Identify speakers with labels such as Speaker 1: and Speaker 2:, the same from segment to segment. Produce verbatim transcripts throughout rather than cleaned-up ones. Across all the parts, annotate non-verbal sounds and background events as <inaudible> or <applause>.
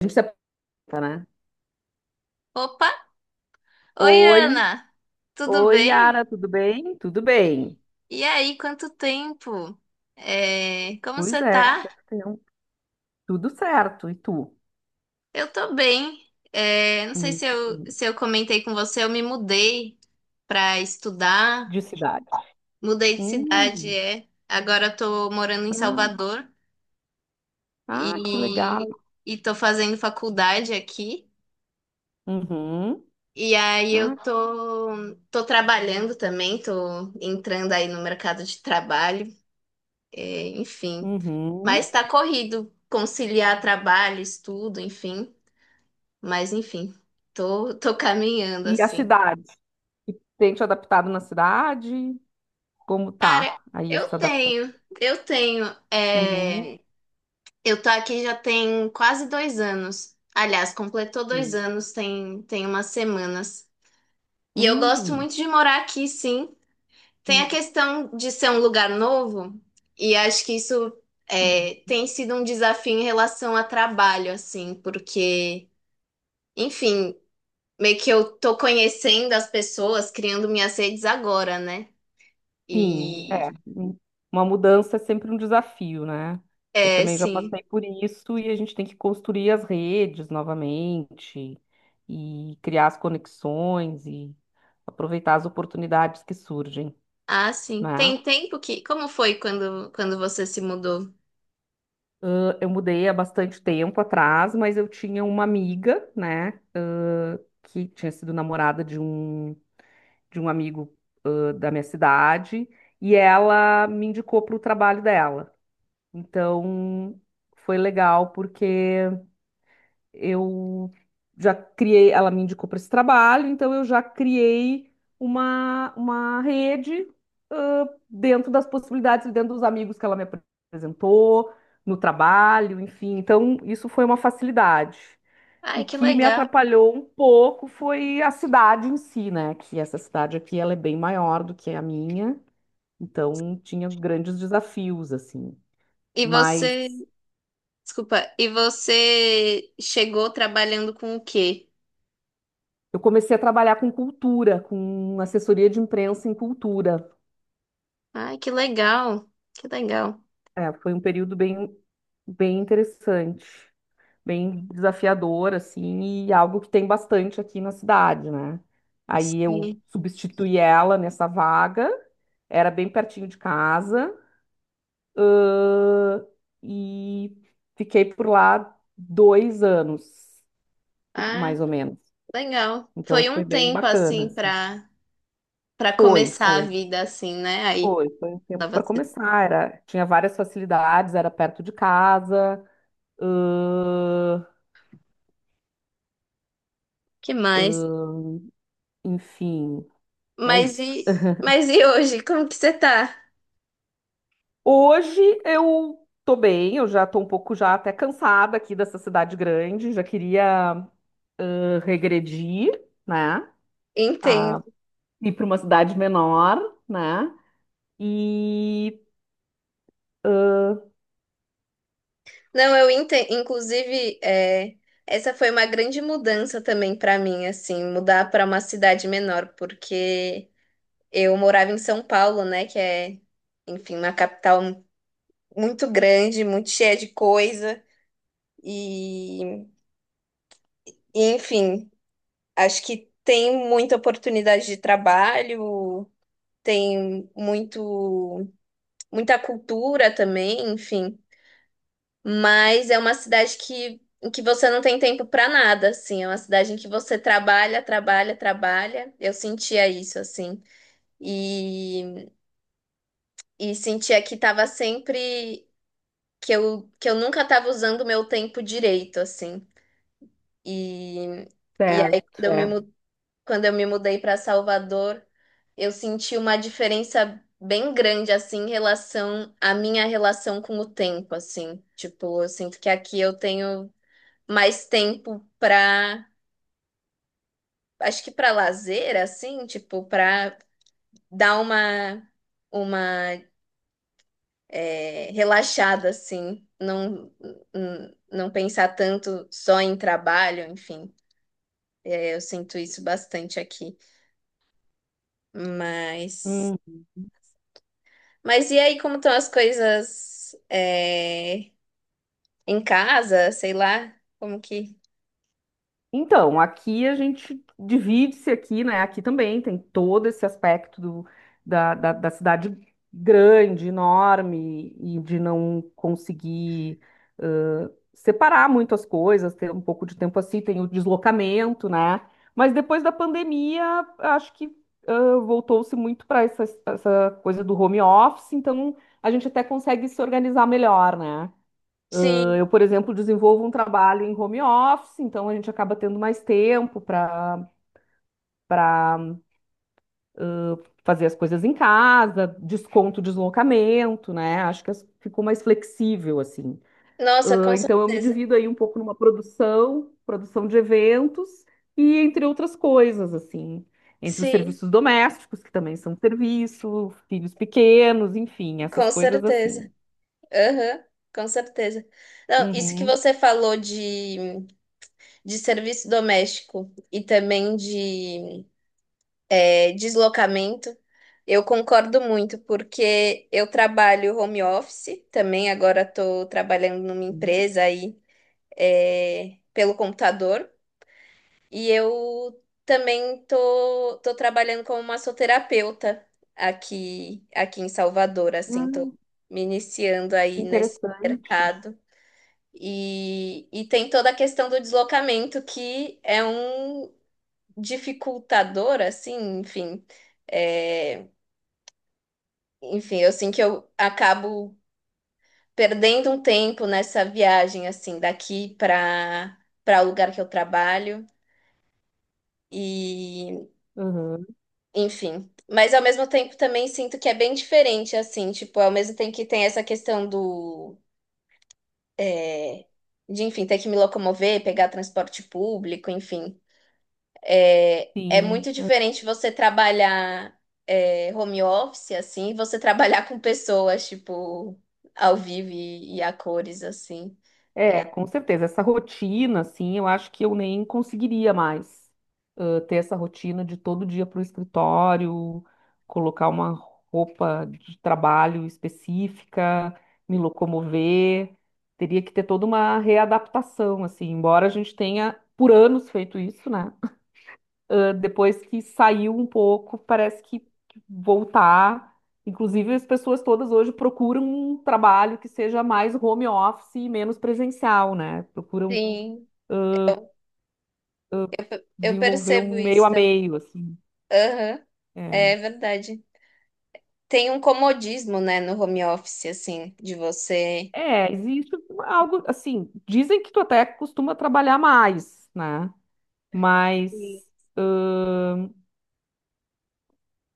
Speaker 1: A gente se apresenta, né?
Speaker 2: Opa! Oi,
Speaker 1: Oi,
Speaker 2: Ana! Tudo
Speaker 1: oi,
Speaker 2: bem?
Speaker 1: Yara, tudo bem? Tudo bem.
Speaker 2: E aí, quanto tempo? É, como
Speaker 1: Pois
Speaker 2: você
Speaker 1: é,
Speaker 2: tá?
Speaker 1: quanto tempo. Tudo certo. E tu?
Speaker 2: Eu tô bem. É, não sei se
Speaker 1: Muito
Speaker 2: eu,
Speaker 1: bem.
Speaker 2: se eu comentei com você, eu me mudei pra estudar,
Speaker 1: De cidade.
Speaker 2: mudei de cidade,
Speaker 1: Hum.
Speaker 2: é. Agora eu tô morando em
Speaker 1: ah,
Speaker 2: Salvador
Speaker 1: ah, que legal.
Speaker 2: e, e tô fazendo faculdade aqui.
Speaker 1: Uhum,
Speaker 2: E aí eu
Speaker 1: ah,
Speaker 2: tô, tô trabalhando também, tô entrando aí no mercado de trabalho. É, enfim.
Speaker 1: uhum.
Speaker 2: Mas tá corrido conciliar trabalho, estudo, enfim. Mas enfim, tô, tô caminhando
Speaker 1: E a
Speaker 2: assim.
Speaker 1: cidade? E tem te adaptado na cidade? Como
Speaker 2: Cara,
Speaker 1: tá aí
Speaker 2: eu
Speaker 1: essa adaptação?
Speaker 2: tenho, eu tenho.
Speaker 1: Uhum.
Speaker 2: é, eu tô aqui já tem quase dois anos. Aliás, completou dois
Speaker 1: Hum,
Speaker 2: anos, tem, tem umas semanas. E eu gosto
Speaker 1: uhum,
Speaker 2: muito de morar aqui, sim. Tem a questão de ser um lugar novo, e acho que isso
Speaker 1: uhum.
Speaker 2: é, tem sido um desafio em relação a trabalho, assim, porque. Enfim, meio que eu tô conhecendo as pessoas, criando minhas redes agora, né?
Speaker 1: Sim, é.
Speaker 2: E
Speaker 1: Hum, Uma mudança é sempre um desafio, né? Eu
Speaker 2: é,
Speaker 1: também já
Speaker 2: sim.
Speaker 1: passei por isso, e a gente tem que construir as redes novamente e criar as conexões e aproveitar as oportunidades que surgem,
Speaker 2: Ah, sim.
Speaker 1: né?
Speaker 2: Tem tempo que. Como foi quando, quando você se mudou?
Speaker 1: Eu mudei há bastante tempo atrás, mas eu tinha uma amiga, né, ãh, que tinha sido namorada de um, de um, amigo, ãh, da minha cidade, e ela me indicou para o trabalho dela. Então, foi legal porque eu já criei, ela me indicou para esse trabalho, então eu já criei uma, uma rede, ãh, dentro das possibilidades, dentro dos amigos que ela me apresentou, no trabalho, enfim. Então, isso foi uma facilidade.
Speaker 2: Ai,
Speaker 1: O
Speaker 2: que
Speaker 1: que me
Speaker 2: legal.
Speaker 1: atrapalhou um pouco foi a cidade em si, né? Que essa cidade aqui, ela é bem maior do que a minha, então tinha grandes desafios, assim.
Speaker 2: E você.
Speaker 1: Mas
Speaker 2: Desculpa. E você chegou trabalhando com o quê?
Speaker 1: Eu comecei a trabalhar com cultura, com assessoria de imprensa em cultura.
Speaker 2: Ai, que legal. Que legal.
Speaker 1: É, foi um período bem, bem interessante, bem desafiador, assim, e algo que tem bastante aqui na cidade, né? Aí eu
Speaker 2: Sim.
Speaker 1: substituí ela nessa vaga, era bem pertinho de casa, ãh, e fiquei por lá dois anos,
Speaker 2: Ah,
Speaker 1: mais ou menos.
Speaker 2: legal.
Speaker 1: Então
Speaker 2: Foi um
Speaker 1: foi bem
Speaker 2: tempo
Speaker 1: bacana,
Speaker 2: assim
Speaker 1: assim.
Speaker 2: pra para
Speaker 1: Foi,
Speaker 2: começar a
Speaker 1: foi.
Speaker 2: vida assim, né? Aí,
Speaker 1: Foi, foi, um tempo
Speaker 2: tava.
Speaker 1: para começar. Era, tinha várias facilidades, era perto de casa, ãh,
Speaker 2: Que mais?
Speaker 1: enfim, é
Speaker 2: Mas
Speaker 1: isso.
Speaker 2: e, mas e hoje? Como que você tá?
Speaker 1: Hoje eu tô bem, eu já tô um pouco já até cansada aqui dessa cidade grande, já queria ãh, regredir, né? A
Speaker 2: Entendo.
Speaker 1: Ir para uma cidade menor, né? E
Speaker 2: Não, eu entendo. Inclusive, é, essa foi uma grande mudança também pra mim, assim, mudar pra uma cidade menor, porque eu morava em São Paulo, né, que é, enfim, uma capital muito grande, muito cheia de coisa, e, e, enfim, acho que tem muita oportunidade de trabalho, tem muito, muita cultura também, enfim. Mas é uma cidade que, em que você não tem tempo para nada, assim. É uma cidade em que você trabalha, trabalha, trabalha. Eu sentia isso, assim. E, e sentia que tava sempre... Que eu, que eu nunca tava usando o meu tempo direito, assim. E, e aí, quando
Speaker 1: certo,
Speaker 2: eu me,
Speaker 1: é.
Speaker 2: mu- quando eu me mudei para Salvador, eu senti uma diferença bem grande, assim, em relação à minha relação com o tempo, assim. Tipo, eu sinto que aqui eu tenho mais tempo pra, acho que pra lazer, assim, tipo, pra dar uma, uma é, relaxada, assim, não, n- não pensar tanto só em trabalho, enfim, é, eu sinto isso bastante aqui, mas,
Speaker 1: hum,
Speaker 2: mas e aí, como estão as coisas é, em casa, sei lá, como que,
Speaker 1: Então, aqui a gente divide-se aqui, né? Aqui também tem todo esse aspecto do- da, da, da cidade grande, enorme, e de não conseguir ãh, separar muito as coisas, ter um pouco de tempo assim, tem o deslocamento, né? Mas depois da pandemia, acho que ãh, voltou-se muito para essa, essa, coisa do home office, então a gente até consegue se organizar melhor, né?
Speaker 2: sim,
Speaker 1: Eu, por exemplo, desenvolvo um trabalho em home office, então a gente acaba tendo mais tempo para para fazer as coisas em casa, desconto deslocamento, né? Acho que ficou mais flexível assim.
Speaker 2: nossa,
Speaker 1: Ah,
Speaker 2: com
Speaker 1: então eu me
Speaker 2: certeza,
Speaker 1: divido aí um pouco numa produção, produção de eventos e entre outras coisas assim, entre os
Speaker 2: sim,
Speaker 1: serviços domésticos, que também são serviço, filhos pequenos, enfim, essas
Speaker 2: com
Speaker 1: coisas
Speaker 2: certeza.
Speaker 1: assim.
Speaker 2: Aham, com certeza. Não, isso que
Speaker 1: Uhum.
Speaker 2: você falou de, de serviço doméstico e também de é, deslocamento, eu concordo muito, porque eu trabalho home office também, agora estou trabalhando numa empresa aí é, pelo computador, e eu também tô, tô trabalhando como massoterapeuta aqui, aqui em Salvador, assim, tô
Speaker 1: Hum,
Speaker 2: me iniciando aí nesse
Speaker 1: interessante.
Speaker 2: mercado. E, e tem toda a questão do deslocamento, que é um dificultador, assim, enfim. É, enfim, eu sinto que eu acabo perdendo um tempo nessa viagem, assim, daqui para para o lugar que eu trabalho. E,
Speaker 1: Uhum,
Speaker 2: enfim. Mas ao mesmo tempo também sinto que é bem diferente, assim, tipo, ao mesmo tempo que tem essa questão do. É, de, enfim, ter que me locomover, pegar transporte público, enfim. É, é
Speaker 1: sim.
Speaker 2: muito diferente você trabalhar é, home office, assim, e você trabalhar com pessoas, tipo, ao vivo e, e a cores, assim.
Speaker 1: É, com certeza. Essa rotina, assim, eu acho que eu nem conseguiria mais ah, ter essa rotina de todo dia para o escritório, colocar uma roupa de trabalho específica, me locomover. Teria que ter toda uma readaptação, assim, embora a gente tenha por anos feito isso, né? ah, depois que saiu um pouco, parece que que voltar. Inclusive, as pessoas todas hoje procuram um trabalho que seja mais home office e menos presencial, né? Procuram
Speaker 2: Sim, eu
Speaker 1: desenvolver
Speaker 2: percebo
Speaker 1: um meio
Speaker 2: isso
Speaker 1: a
Speaker 2: também.
Speaker 1: meio, assim.
Speaker 2: Aham,
Speaker 1: É.
Speaker 2: é verdade. Tem um comodismo, né, no home office, assim, de você.
Speaker 1: É, existe algo assim. Dizem que tu até costuma trabalhar mais, né?
Speaker 2: Sim.
Speaker 1: Mas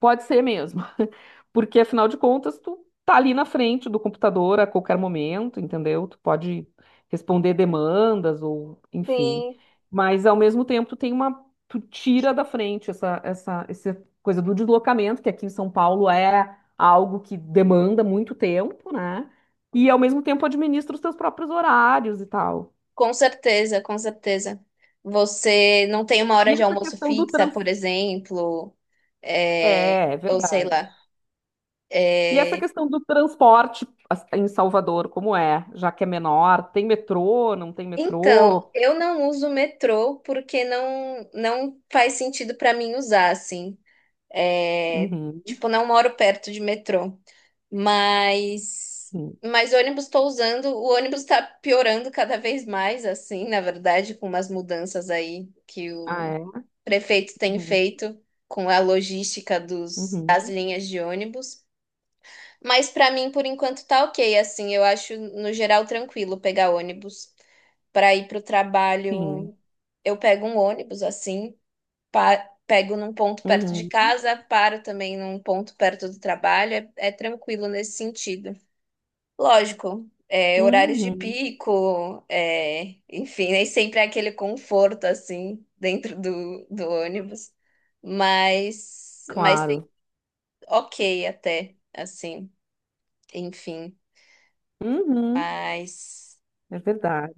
Speaker 1: Pode ser mesmo. <laughs> Porque afinal de contas, tu tá ali na frente do computador a qualquer momento, entendeu? Tu pode responder demandas ou enfim.
Speaker 2: Sim,
Speaker 1: Mas ao mesmo tempo, tu tem uma tu tira da frente essa essa essa coisa do deslocamento, que aqui em São Paulo é algo que demanda muito tempo, né? E ao mesmo tempo administra os teus próprios horários e tal.
Speaker 2: com certeza, com certeza. Você não tem uma
Speaker 1: E
Speaker 2: hora de
Speaker 1: essa
Speaker 2: almoço
Speaker 1: questão do
Speaker 2: fixa,
Speaker 1: trans...
Speaker 2: por exemplo, é,
Speaker 1: É é
Speaker 2: ou sei
Speaker 1: verdade.
Speaker 2: lá.
Speaker 1: E essa
Speaker 2: É,
Speaker 1: questão do transporte as- em Salvador, como é? Já que é menor, tem metrô, não tem
Speaker 2: então,
Speaker 1: metrô?
Speaker 2: eu não uso metrô porque não, não faz sentido para mim usar, assim. É,
Speaker 1: Uhum,
Speaker 2: tipo, não moro perto de metrô. Mas,
Speaker 1: uhum.
Speaker 2: mas ônibus estou usando. O ônibus está piorando cada vez mais, assim, na verdade, com umas mudanças aí que
Speaker 1: Ah,
Speaker 2: o
Speaker 1: é?
Speaker 2: prefeito tem
Speaker 1: Uhum,
Speaker 2: feito com a logística dos,
Speaker 1: uhum.
Speaker 2: das linhas de ônibus. Mas para mim, por enquanto, tá ok, assim. Eu acho, no geral, tranquilo pegar ônibus para ir para o
Speaker 1: Sim.
Speaker 2: trabalho, eu pego um ônibus assim, pa- pego num ponto perto de
Speaker 1: Uhum,
Speaker 2: casa, paro também num ponto perto do trabalho, é, é tranquilo nesse sentido. Lógico, é, horários de
Speaker 1: uhum.
Speaker 2: pico, é, enfim, nem sempre é aquele conforto assim dentro do, do ônibus, mas, mas tem-
Speaker 1: Claro.
Speaker 2: ok até, assim, enfim,
Speaker 1: Uhum.
Speaker 2: mas
Speaker 1: É verdade.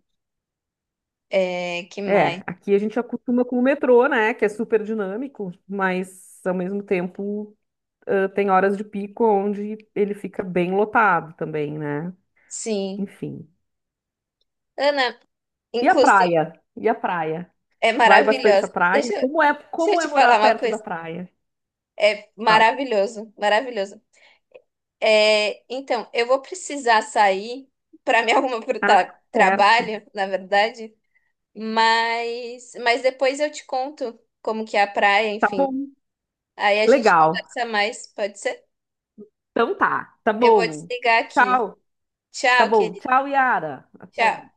Speaker 2: é, que mais?
Speaker 1: É, aqui a gente acostuma com o metrô, né? Que é super dinâmico, mas ao mesmo tempo ãh, tem horas de pico onde ele fica bem lotado também, né?
Speaker 2: Sim.
Speaker 1: Enfim.
Speaker 2: Ana,
Speaker 1: E a
Speaker 2: inclusive.
Speaker 1: praia? E a praia?
Speaker 2: É
Speaker 1: Vai bastante à
Speaker 2: maravilhosa. Deixa,
Speaker 1: praia?
Speaker 2: eu-
Speaker 1: Como é,
Speaker 2: deixa eu
Speaker 1: como é
Speaker 2: te
Speaker 1: morar
Speaker 2: falar uma
Speaker 1: perto da
Speaker 2: coisa.
Speaker 1: praia?
Speaker 2: É
Speaker 1: Fala.
Speaker 2: maravilhoso, maravilhoso. É, então, eu vou precisar sair para me arrumar para
Speaker 1: Ah,
Speaker 2: o
Speaker 1: certo.
Speaker 2: trabalho, na verdade, mas, mas depois eu te conto como que é a praia,
Speaker 1: Tá
Speaker 2: enfim.
Speaker 1: bom.
Speaker 2: Aí a gente
Speaker 1: Legal.
Speaker 2: conversa mais, pode ser?
Speaker 1: Então tá. Tá
Speaker 2: Eu vou
Speaker 1: bom.
Speaker 2: desligar aqui.
Speaker 1: Tchau. Tá
Speaker 2: Tchau,
Speaker 1: bom.
Speaker 2: querido.
Speaker 1: Tchau, Yara.
Speaker 2: Tchau.
Speaker 1: Até.